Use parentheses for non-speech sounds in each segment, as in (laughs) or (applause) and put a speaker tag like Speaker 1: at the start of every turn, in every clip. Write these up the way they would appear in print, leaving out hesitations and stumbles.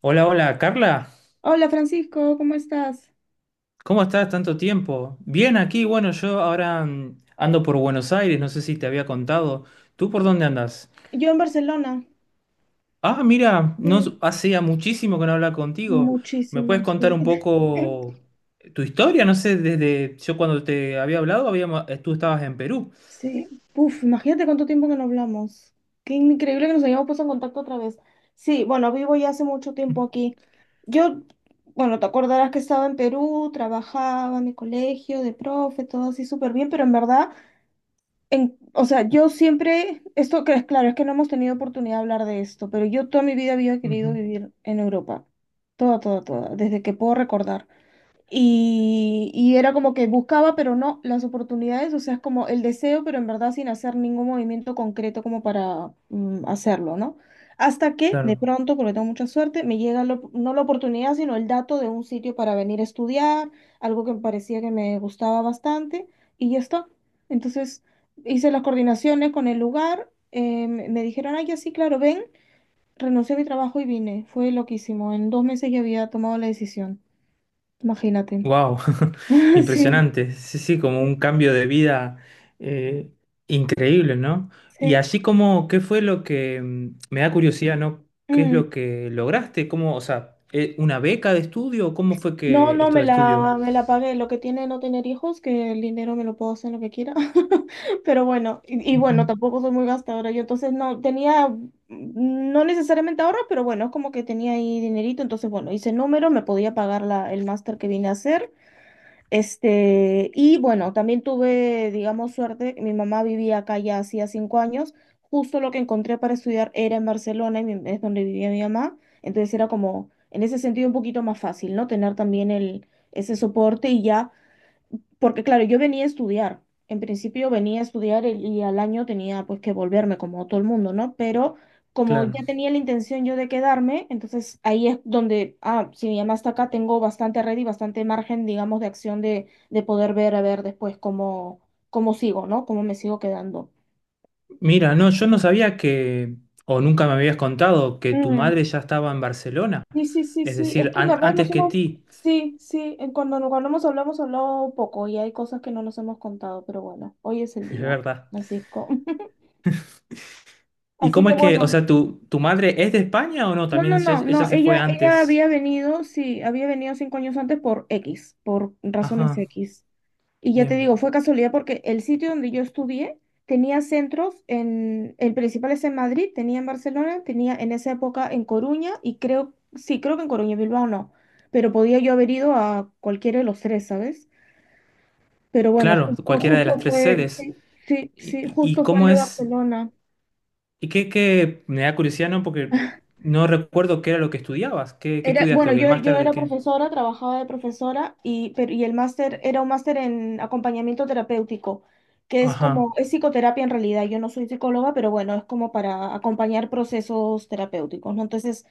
Speaker 1: Hola, hola, Carla.
Speaker 2: Hola Francisco, ¿cómo estás?
Speaker 1: ¿Cómo estás? Tanto tiempo. Bien, aquí, bueno, yo ahora ando por Buenos Aires, no sé si te había contado. ¿Tú por dónde andas?
Speaker 2: Yo en Barcelona,
Speaker 1: Ah, mira, no s-
Speaker 2: sí,
Speaker 1: hacía muchísimo que no hablaba contigo. ¿Me puedes
Speaker 2: muchísimo,
Speaker 1: contar
Speaker 2: sí.
Speaker 1: un poco
Speaker 2: (laughs)
Speaker 1: tu historia? No sé, desde yo cuando te había hablado, tú estabas en Perú.
Speaker 2: Sí, uf, imagínate cuánto tiempo que no hablamos. Qué increíble que nos hayamos puesto en contacto otra vez. Sí, bueno, vivo ya hace mucho tiempo
Speaker 1: (laughs)
Speaker 2: aquí. Yo, bueno, te acordarás que estaba en Perú, trabajaba en mi colegio de profe, todo así súper bien, pero en verdad o sea, yo siempre, esto que es claro, es que no hemos tenido oportunidad de hablar de esto, pero yo toda mi vida había querido
Speaker 1: Ujú.
Speaker 2: vivir en Europa, toda, toda, toda, desde que puedo recordar. Y era como que buscaba, pero no las oportunidades, o sea, es como el deseo, pero en verdad sin hacer ningún movimiento concreto como para hacerlo, ¿no? Hasta que de
Speaker 1: Claro.
Speaker 2: pronto, porque tengo mucha suerte, me llega no la oportunidad, sino el dato de un sitio para venir a estudiar, algo que me parecía que me gustaba bastante, y ya está. Entonces hice las coordinaciones con el lugar, me dijeron, ay, ya sí, claro, ven, renuncié a mi trabajo y vine. Fue loquísimo, en 2 meses ya había tomado la decisión, imagínate.
Speaker 1: Wow,
Speaker 2: (laughs)
Speaker 1: (laughs)
Speaker 2: Sí,
Speaker 1: impresionante. Sí, sí, como
Speaker 2: sí.
Speaker 1: un cambio de vida, eh, increíble, ¿no? Y
Speaker 2: Sí.
Speaker 1: así como, ¿qué fue lo que me da curiosidad, ¿no? ¿Qué es
Speaker 2: Mm.
Speaker 1: lo que lograste? ¿Cómo, o sea, una beca de estudio? ¿O cómo fue
Speaker 2: No,
Speaker 1: que
Speaker 2: no,
Speaker 1: esto de estudio?
Speaker 2: me la pagué. Lo que tiene no tener hijos, que el dinero me lo puedo hacer lo que quiera. (laughs) Pero bueno, y
Speaker 1: Ujú.
Speaker 2: bueno, tampoco soy muy gastadora. Yo entonces no tenía, no necesariamente ahorro, pero bueno, es como que tenía ahí dinerito. Entonces, bueno, hice número, me podía pagar el máster que vine a hacer. Y bueno, también tuve, digamos, suerte. Mi mamá vivía acá ya hacía 5 años. Justo lo que encontré para estudiar era en Barcelona, es donde vivía mi mamá. Entonces era como, en ese sentido, un poquito más fácil, ¿no? Tener también ese soporte y ya porque claro, yo venía a estudiar. En principio venía a estudiar y al año tenía pues que volverme como todo el mundo, ¿no? Pero como
Speaker 1: Claro.
Speaker 2: ya tenía la intención yo de quedarme, entonces ahí es donde, ah, si mi mamá está acá, tengo bastante red y bastante margen, digamos, de acción de poder ver a ver después cómo sigo, ¿no? Cómo me sigo quedando.
Speaker 1: Mira, no, yo no sabía que, o nunca me habías contado que tu madre
Speaker 2: Mm.
Speaker 1: ya estaba en Barcelona,
Speaker 2: Sí, sí, sí,
Speaker 1: es
Speaker 2: sí.
Speaker 1: decir,
Speaker 2: Es que en verdad
Speaker 1: antes
Speaker 2: nos
Speaker 1: que
Speaker 2: hemos,
Speaker 1: ti,
Speaker 2: sí, sí, cuando hemos hablado poco y hay cosas que no nos hemos contado, pero bueno, hoy es el
Speaker 1: (laughs) es
Speaker 2: día,
Speaker 1: verdad.
Speaker 2: Francisco. (laughs)
Speaker 1: ¿Y
Speaker 2: Así
Speaker 1: cómo
Speaker 2: que
Speaker 1: es que, o
Speaker 2: bueno,
Speaker 1: sea, tu madre es de España o no?
Speaker 2: no,
Speaker 1: También
Speaker 2: no,
Speaker 1: ella,
Speaker 2: no,
Speaker 1: ella
Speaker 2: no,
Speaker 1: se fue
Speaker 2: ella
Speaker 1: antes.
Speaker 2: había venido, sí, había venido 5 años antes por X, por razones
Speaker 1: Ajá,
Speaker 2: X. Y ya te
Speaker 1: bien.
Speaker 2: digo, fue casualidad porque el sitio donde yo estudié tenía centros el principal es en Madrid, tenía en Barcelona, tenía en esa época en Coruña y creo, sí, creo que en Coruña, Bilbao no, pero podía yo haber ido a cualquiera de los tres, ¿sabes? Pero bueno,
Speaker 1: Claro, cualquiera de
Speaker 2: justo
Speaker 1: las tres
Speaker 2: fue,
Speaker 1: sedes.
Speaker 2: sí, sí, sí,
Speaker 1: ¿Y, y
Speaker 2: justo fue el
Speaker 1: cómo
Speaker 2: de
Speaker 1: es?
Speaker 2: Barcelona.
Speaker 1: ¿Y qué, qué? Me da curiosidad, ¿no? Porque no recuerdo qué era lo que estudiabas. ¿Qué, qué
Speaker 2: Era,
Speaker 1: estudiaste?
Speaker 2: bueno,
Speaker 1: ¿O qué, el
Speaker 2: yo
Speaker 1: máster de
Speaker 2: era
Speaker 1: qué?
Speaker 2: profesora, trabajaba de profesora y el máster era un máster en acompañamiento terapéutico, que es
Speaker 1: Ajá,
Speaker 2: como, es psicoterapia en realidad. Yo no soy psicóloga, pero bueno, es como para acompañar procesos terapéuticos, ¿no? Entonces,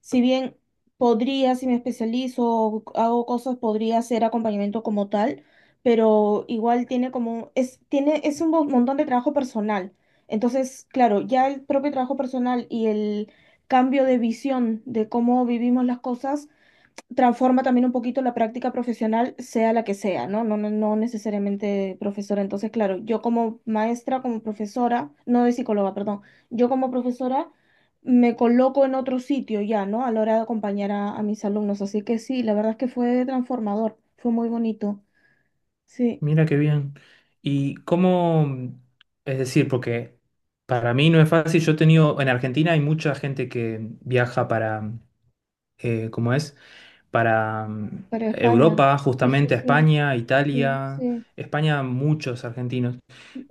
Speaker 2: si bien podría, si me especializo o hago cosas, podría hacer acompañamiento como tal, pero igual tiene como, es un montón de trabajo personal. Entonces, claro, ya el propio trabajo personal y el cambio de visión de cómo vivimos las cosas transforma también un poquito la práctica profesional, sea la que sea, ¿no? No, no, no necesariamente profesora. Entonces, claro, yo como maestra, como profesora, no de psicóloga, perdón, yo como profesora me coloco en otro sitio ya, ¿no? A la hora de acompañar a mis alumnos. Así que sí, la verdad es que fue transformador, fue muy bonito. Sí,
Speaker 1: mira qué bien. ¿Y cómo? Es decir, porque para mí no es fácil. Yo he tenido, en Argentina hay mucha gente que viaja para, ¿cómo es? Para
Speaker 2: para España.
Speaker 1: Europa,
Speaker 2: Sí, sí,
Speaker 1: justamente a
Speaker 2: sí,
Speaker 1: España,
Speaker 2: sí,
Speaker 1: Italia.
Speaker 2: sí,
Speaker 1: España, muchos argentinos.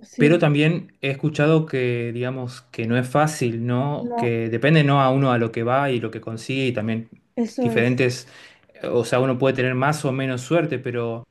Speaker 2: sí.
Speaker 1: Pero también he escuchado que, digamos, que no es fácil, ¿no?
Speaker 2: No,
Speaker 1: Que depende, ¿no? A uno a lo que va y lo que consigue y también
Speaker 2: eso es.
Speaker 1: diferentes, o sea, uno puede tener más o menos suerte, pero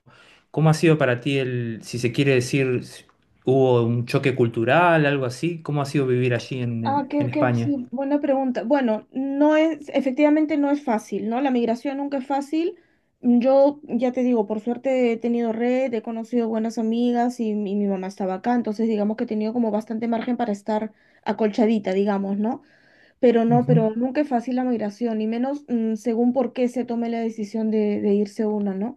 Speaker 1: ¿cómo ha sido para ti el, si se quiere decir, si hubo un choque cultural, algo así? ¿Cómo ha sido vivir allí en,
Speaker 2: Ah,
Speaker 1: en España?
Speaker 2: sí, buena pregunta. Bueno, efectivamente no es fácil, ¿no? La migración nunca es fácil. Yo, ya te digo, por suerte he tenido red, he conocido buenas amigas y, mi mamá estaba acá, entonces digamos que he tenido como bastante margen para estar acolchadita, digamos, ¿no? Pero no,
Speaker 1: Ujú.
Speaker 2: pero nunca es fácil la migración, y menos según por qué se tome la decisión de irse uno, ¿no?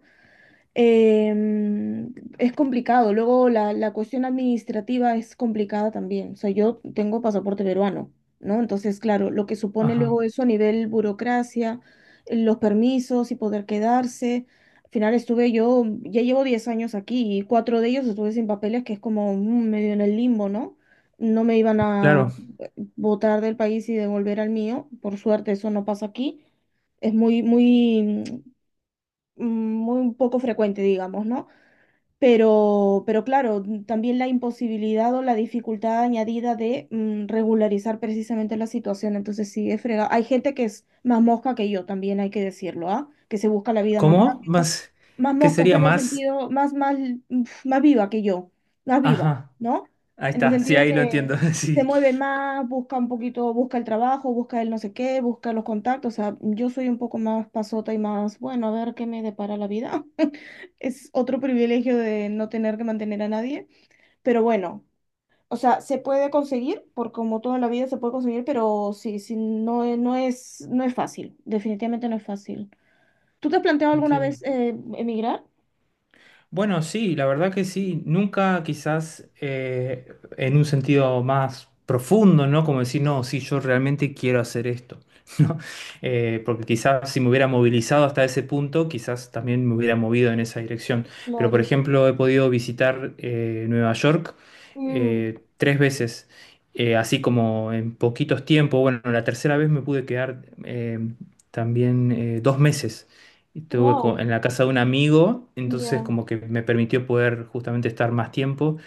Speaker 2: Es complicado. Luego la cuestión administrativa es complicada también. O sea, yo tengo pasaporte peruano, ¿no? Entonces, claro, lo que supone
Speaker 1: Ajá,
Speaker 2: luego eso a nivel burocracia, los permisos y poder quedarse. Al final estuve yo, ya llevo 10 años aquí y cuatro de ellos estuve sin papeles, que es como medio en el limbo, ¿no? No me iban a
Speaker 1: claro.
Speaker 2: votar del país y devolver al mío. Por suerte eso no pasa aquí. Es muy, muy, mm, muy poco frecuente, digamos, ¿no? Pero claro, también la imposibilidad o la dificultad añadida de regularizar precisamente la situación. Entonces sí, es fregado. Hay gente que es más mosca que yo, también hay que decirlo, ¿ah? Que se busca la vida más
Speaker 1: ¿Cómo?
Speaker 2: rápido.
Speaker 1: Más,
Speaker 2: Más
Speaker 1: ¿qué
Speaker 2: mosca o
Speaker 1: sería
Speaker 2: sea, en el
Speaker 1: más?
Speaker 2: sentido, más viva que yo, más viva,
Speaker 1: Ajá,
Speaker 2: ¿no?
Speaker 1: ahí
Speaker 2: En el
Speaker 1: está, sí,
Speaker 2: sentido de
Speaker 1: ahí lo entiendo,
Speaker 2: que
Speaker 1: (laughs)
Speaker 2: se
Speaker 1: sí,
Speaker 2: mueve más, busca un poquito, busca el trabajo, busca el no sé qué, busca los contactos. O sea, yo soy un poco más pasota y más, bueno, a ver qué me depara la vida. Es otro privilegio de no tener que mantener a nadie, pero bueno, o sea, se puede conseguir, por como toda la vida se puede conseguir, pero sí, sí, no, no es fácil, definitivamente no es fácil. ¿Tú te has planteado alguna
Speaker 1: entiendo.
Speaker 2: vez emigrar?
Speaker 1: Bueno, sí, la verdad que sí. Nunca quizás en un sentido más profundo, ¿no? Como decir, no, sí, yo realmente quiero hacer esto, (laughs) ¿no? Porque quizás si me hubiera movilizado hasta ese punto, quizás también me hubiera movido en esa dirección. Pero, por
Speaker 2: Claro.
Speaker 1: ejemplo, he podido visitar Nueva York
Speaker 2: Mm,
Speaker 1: 3 veces, así como en poquitos tiempos. Bueno, la tercera vez me pude quedar también 2 meses. Estuve
Speaker 2: wow,
Speaker 1: en la casa de un amigo, entonces
Speaker 2: ya,
Speaker 1: como que me permitió poder justamente estar más tiempo.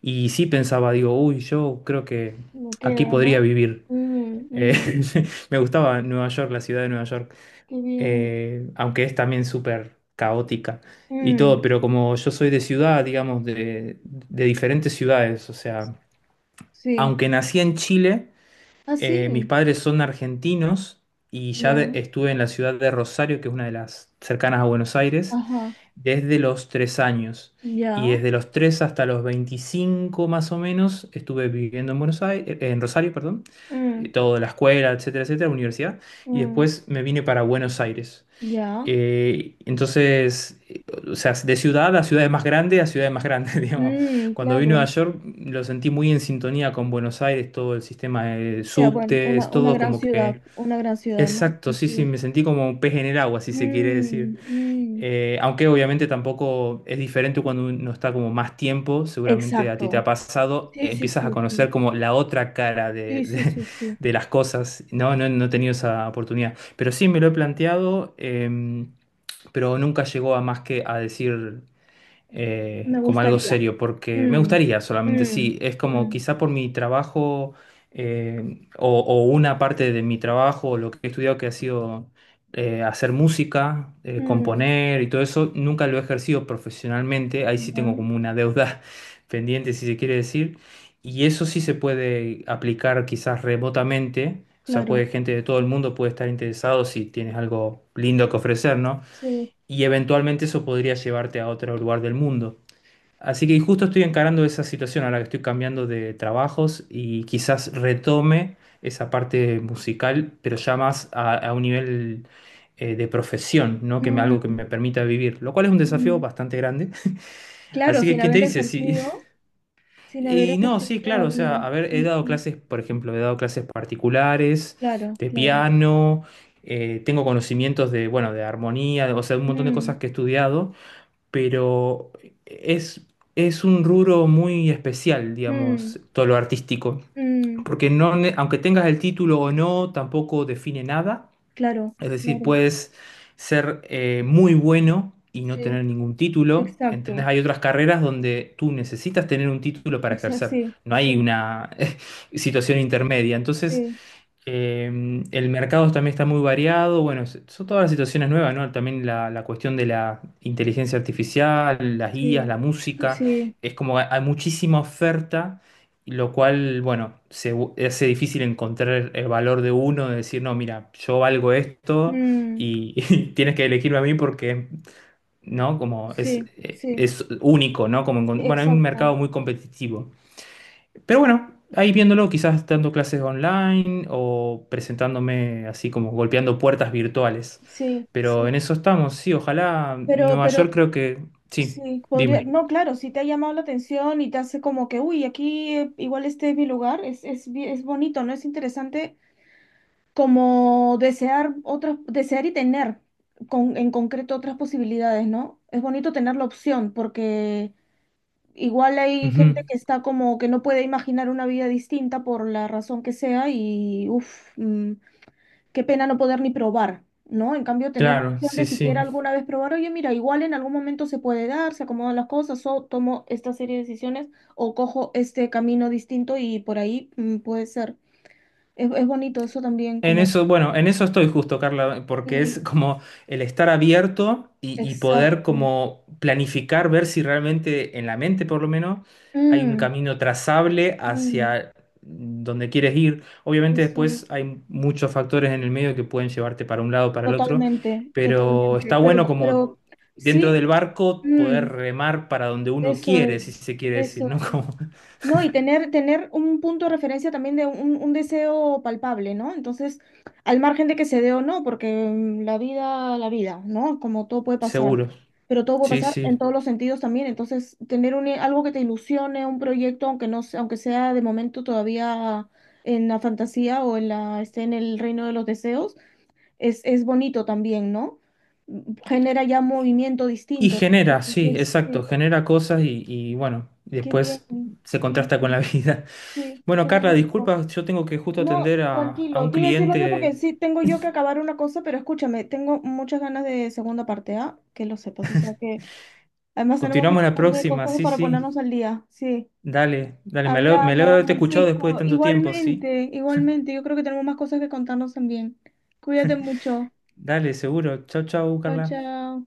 Speaker 1: Y sí pensaba, digo, uy, yo creo que
Speaker 2: me
Speaker 1: aquí
Speaker 2: queda,
Speaker 1: podría
Speaker 2: ¿no?
Speaker 1: vivir.
Speaker 2: Mm,
Speaker 1: Eh,
Speaker 2: mm.
Speaker 1: (laughs) me gustaba Nueva York, la ciudad de Nueva York,
Speaker 2: Qué bien.
Speaker 1: aunque es también súper caótica y todo,
Speaker 2: Mm,
Speaker 1: pero como yo soy de ciudad, digamos, de diferentes ciudades, o sea,
Speaker 2: sí.
Speaker 1: aunque nací en Chile,
Speaker 2: Ah,
Speaker 1: mis
Speaker 2: sí,
Speaker 1: padres son argentinos y ya
Speaker 2: ya,
Speaker 1: estuve en la ciudad de Rosario, que es una de las cercanas a Buenos Aires
Speaker 2: ajá,
Speaker 1: desde los 3 años. Y
Speaker 2: ya,
Speaker 1: desde los tres hasta los 25 más o menos estuve viviendo en Buenos Aires, en Rosario, perdón.
Speaker 2: mm,
Speaker 1: Todo la escuela, etcétera, etcétera, la universidad. Y
Speaker 2: mm,
Speaker 1: después me vine para Buenos Aires.
Speaker 2: ya,
Speaker 1: Entonces, o sea, de ciudad a ciudad más grande a ciudad más grande, (laughs) digamos.
Speaker 2: mm,
Speaker 1: Cuando vine a Nueva
Speaker 2: claro.
Speaker 1: York lo sentí muy en sintonía con Buenos Aires, todo el sistema de
Speaker 2: Sea bueno,
Speaker 1: subtes, todo como que...
Speaker 2: una gran ciudad, ¿no?
Speaker 1: Exacto,
Speaker 2: Sí,
Speaker 1: sí, sí,
Speaker 2: sí.
Speaker 1: me sentí como un pez en el agua, si se quiere decir.
Speaker 2: Mm, mm,
Speaker 1: Aunque obviamente tampoco es diferente cuando uno está como más tiempo, seguramente a ti te ha
Speaker 2: exacto.
Speaker 1: pasado,
Speaker 2: Sí, sí,
Speaker 1: empiezas a
Speaker 2: sí,
Speaker 1: conocer
Speaker 2: sí.
Speaker 1: como la otra cara de,
Speaker 2: Sí, sí, sí,
Speaker 1: (laughs)
Speaker 2: sí.
Speaker 1: de las cosas. No, no, no he tenido esa oportunidad. Pero sí me lo he planteado, pero nunca llegó a más que a decir
Speaker 2: Me
Speaker 1: como algo
Speaker 2: gustaría.
Speaker 1: serio, porque me
Speaker 2: Mm,
Speaker 1: gustaría solamente,
Speaker 2: mm,
Speaker 1: sí, es como
Speaker 2: mm,
Speaker 1: quizá por mi trabajo o una parte de mi trabajo, o lo que he estudiado que ha sido hacer música,
Speaker 2: mm.
Speaker 1: componer y todo eso, nunca lo he ejercido profesionalmente, ahí sí
Speaker 2: Ya,
Speaker 1: tengo como una deuda (laughs) pendiente, si se quiere decir, y eso sí se puede aplicar quizás remotamente. O sea,
Speaker 2: claro.
Speaker 1: puede gente de todo el mundo puede estar interesado si tienes algo lindo que ofrecer, ¿no?
Speaker 2: Sí.
Speaker 1: Y eventualmente eso podría llevarte a otro lugar del mundo. Así que justo estoy encarando esa situación a la que estoy cambiando de trabajos y quizás retome esa parte musical, pero ya más a un nivel de profesión, ¿no? Que me, algo que
Speaker 2: Mm,
Speaker 1: me permita vivir, lo cual es un desafío
Speaker 2: mm.
Speaker 1: bastante grande.
Speaker 2: Claro,
Speaker 1: Así que, ¿quién te dice? Sí. (laughs)
Speaker 2: sin haber
Speaker 1: Y no,
Speaker 2: ejercido
Speaker 1: sí, claro, o sea, a
Speaker 2: todavía.
Speaker 1: ver, he
Speaker 2: Sí,
Speaker 1: dado
Speaker 2: sí.
Speaker 1: clases, por ejemplo, he dado clases particulares
Speaker 2: Claro,
Speaker 1: de
Speaker 2: claro.
Speaker 1: piano, tengo conocimientos de, bueno, de armonía, o sea, un montón de
Speaker 2: Mm,
Speaker 1: cosas que he estudiado, pero es, es un rubro muy especial,
Speaker 2: mm,
Speaker 1: digamos, todo lo artístico,
Speaker 2: mm.
Speaker 1: porque no, aunque tengas el título o no, tampoco define nada,
Speaker 2: Claro,
Speaker 1: es decir,
Speaker 2: claro.
Speaker 1: puedes ser muy bueno y no
Speaker 2: Sí,
Speaker 1: tener ningún título, ¿entendés?
Speaker 2: exacto.
Speaker 1: Hay otras carreras donde tú necesitas tener un título para ejercer,
Speaker 2: Sí,
Speaker 1: no
Speaker 2: sí.
Speaker 1: hay una (laughs) situación intermedia, entonces...
Speaker 2: Sí,
Speaker 1: Eh, el mercado también está muy variado. Bueno, son todas las situaciones nuevas, ¿no? También la cuestión de la inteligencia artificial, las guías,
Speaker 2: sí,
Speaker 1: la música.
Speaker 2: sí,
Speaker 1: Es como hay muchísima oferta, y lo cual, bueno, hace difícil encontrar el valor de uno, de decir, no, mira, yo valgo esto
Speaker 2: mm,
Speaker 1: y, (laughs) y tienes que elegirme a mí porque, ¿no? Como
Speaker 2: sí, sí,
Speaker 1: es único, ¿no? Como, bueno, hay un
Speaker 2: exacto,
Speaker 1: mercado muy competitivo. Pero bueno, ahí viéndolo, quizás dando clases online o presentándome así como golpeando puertas virtuales.
Speaker 2: sí,
Speaker 1: Pero en
Speaker 2: sí,
Speaker 1: eso estamos, sí, ojalá Nueva
Speaker 2: pero
Speaker 1: York
Speaker 2: Vale.
Speaker 1: creo que... Sí,
Speaker 2: Sí,
Speaker 1: dime.
Speaker 2: podría, no, claro, si te ha llamado la atención y te hace como que, uy, aquí igual este es mi lugar, es bonito, ¿no? Es interesante como desear otras, desear y tener en concreto otras posibilidades, ¿no? Es bonito tener la opción porque igual hay gente
Speaker 1: Ujú.
Speaker 2: que está como que no puede imaginar una vida distinta por la razón que sea y, uff qué pena no poder ni probar, ¿no? En cambio, tener la
Speaker 1: Claro,
Speaker 2: opción
Speaker 1: sí,
Speaker 2: de siquiera
Speaker 1: sí.
Speaker 2: alguna vez probar, oye, mira, igual en algún momento se puede dar, se acomodan las cosas, o tomo esta serie de decisiones, o cojo este camino distinto y por ahí puede ser. Es bonito eso también,
Speaker 1: En
Speaker 2: como...
Speaker 1: eso, bueno, en eso estoy justo, Carla, porque es
Speaker 2: Sí,
Speaker 1: como el estar abierto y poder
Speaker 2: exacto.
Speaker 1: como planificar, ver si realmente en la mente por lo menos hay un
Speaker 2: Mm,
Speaker 1: camino trazable
Speaker 2: mm,
Speaker 1: hacia donde quieres ir. Obviamente
Speaker 2: eso
Speaker 1: después
Speaker 2: es.
Speaker 1: hay muchos factores en el medio que pueden llevarte para un lado o para el otro,
Speaker 2: Totalmente,
Speaker 1: pero
Speaker 2: totalmente.
Speaker 1: está
Speaker 2: Pero,
Speaker 1: bueno como
Speaker 2: pero
Speaker 1: dentro del
Speaker 2: sí,
Speaker 1: barco poder
Speaker 2: mm,
Speaker 1: remar para donde uno
Speaker 2: eso
Speaker 1: quiere, si
Speaker 2: es,
Speaker 1: se quiere decir,
Speaker 2: eso
Speaker 1: ¿no? (laughs)
Speaker 2: es.
Speaker 1: Como
Speaker 2: No, y tener un punto de referencia también de un deseo palpable, ¿no? Entonces, al margen de que se dé o no, porque la vida, ¿no? Como todo puede pasar,
Speaker 1: seguro.
Speaker 2: pero todo puede
Speaker 1: Sí,
Speaker 2: pasar en
Speaker 1: sí.
Speaker 2: todos los sentidos también. Entonces, algo que te ilusione, un proyecto, aunque no, sea- aunque sea de momento todavía en la fantasía o en esté en el reino de los deseos, es bonito también, ¿no? Genera ya un movimiento
Speaker 1: Y
Speaker 2: distinto.
Speaker 1: genera, sí,
Speaker 2: Entonces,
Speaker 1: exacto,
Speaker 2: sí,
Speaker 1: genera cosas y, bueno,
Speaker 2: qué
Speaker 1: después
Speaker 2: bien,
Speaker 1: se
Speaker 2: qué
Speaker 1: contrasta con la (laughs)
Speaker 2: bien,
Speaker 1: vida.
Speaker 2: sí,
Speaker 1: Bueno,
Speaker 2: qué
Speaker 1: Carla,
Speaker 2: bonito.
Speaker 1: disculpa, yo tengo que justo
Speaker 2: No,
Speaker 1: atender a
Speaker 2: tranquilo,
Speaker 1: un
Speaker 2: te iba a decir lo mismo porque
Speaker 1: cliente.
Speaker 2: sí tengo yo que acabar una cosa, pero escúchame, tengo muchas ganas de segunda parte, ¿ah? Que lo sepas, o sea que además tenemos un
Speaker 1: Continuamos la
Speaker 2: montón de
Speaker 1: próxima,
Speaker 2: cosas
Speaker 1: sí,
Speaker 2: para
Speaker 1: sí.
Speaker 2: ponernos al día, sí.
Speaker 1: Dale, dale, me
Speaker 2: Hablamos,
Speaker 1: lo he escuchado después de
Speaker 2: Francisco,
Speaker 1: tanto tiempo, sí.
Speaker 2: igualmente, igualmente, yo creo que tenemos más cosas que contarnos también. Cuídate mucho.
Speaker 1: Dale, seguro. Chau, chau,
Speaker 2: Chao,
Speaker 1: Carla.
Speaker 2: chao.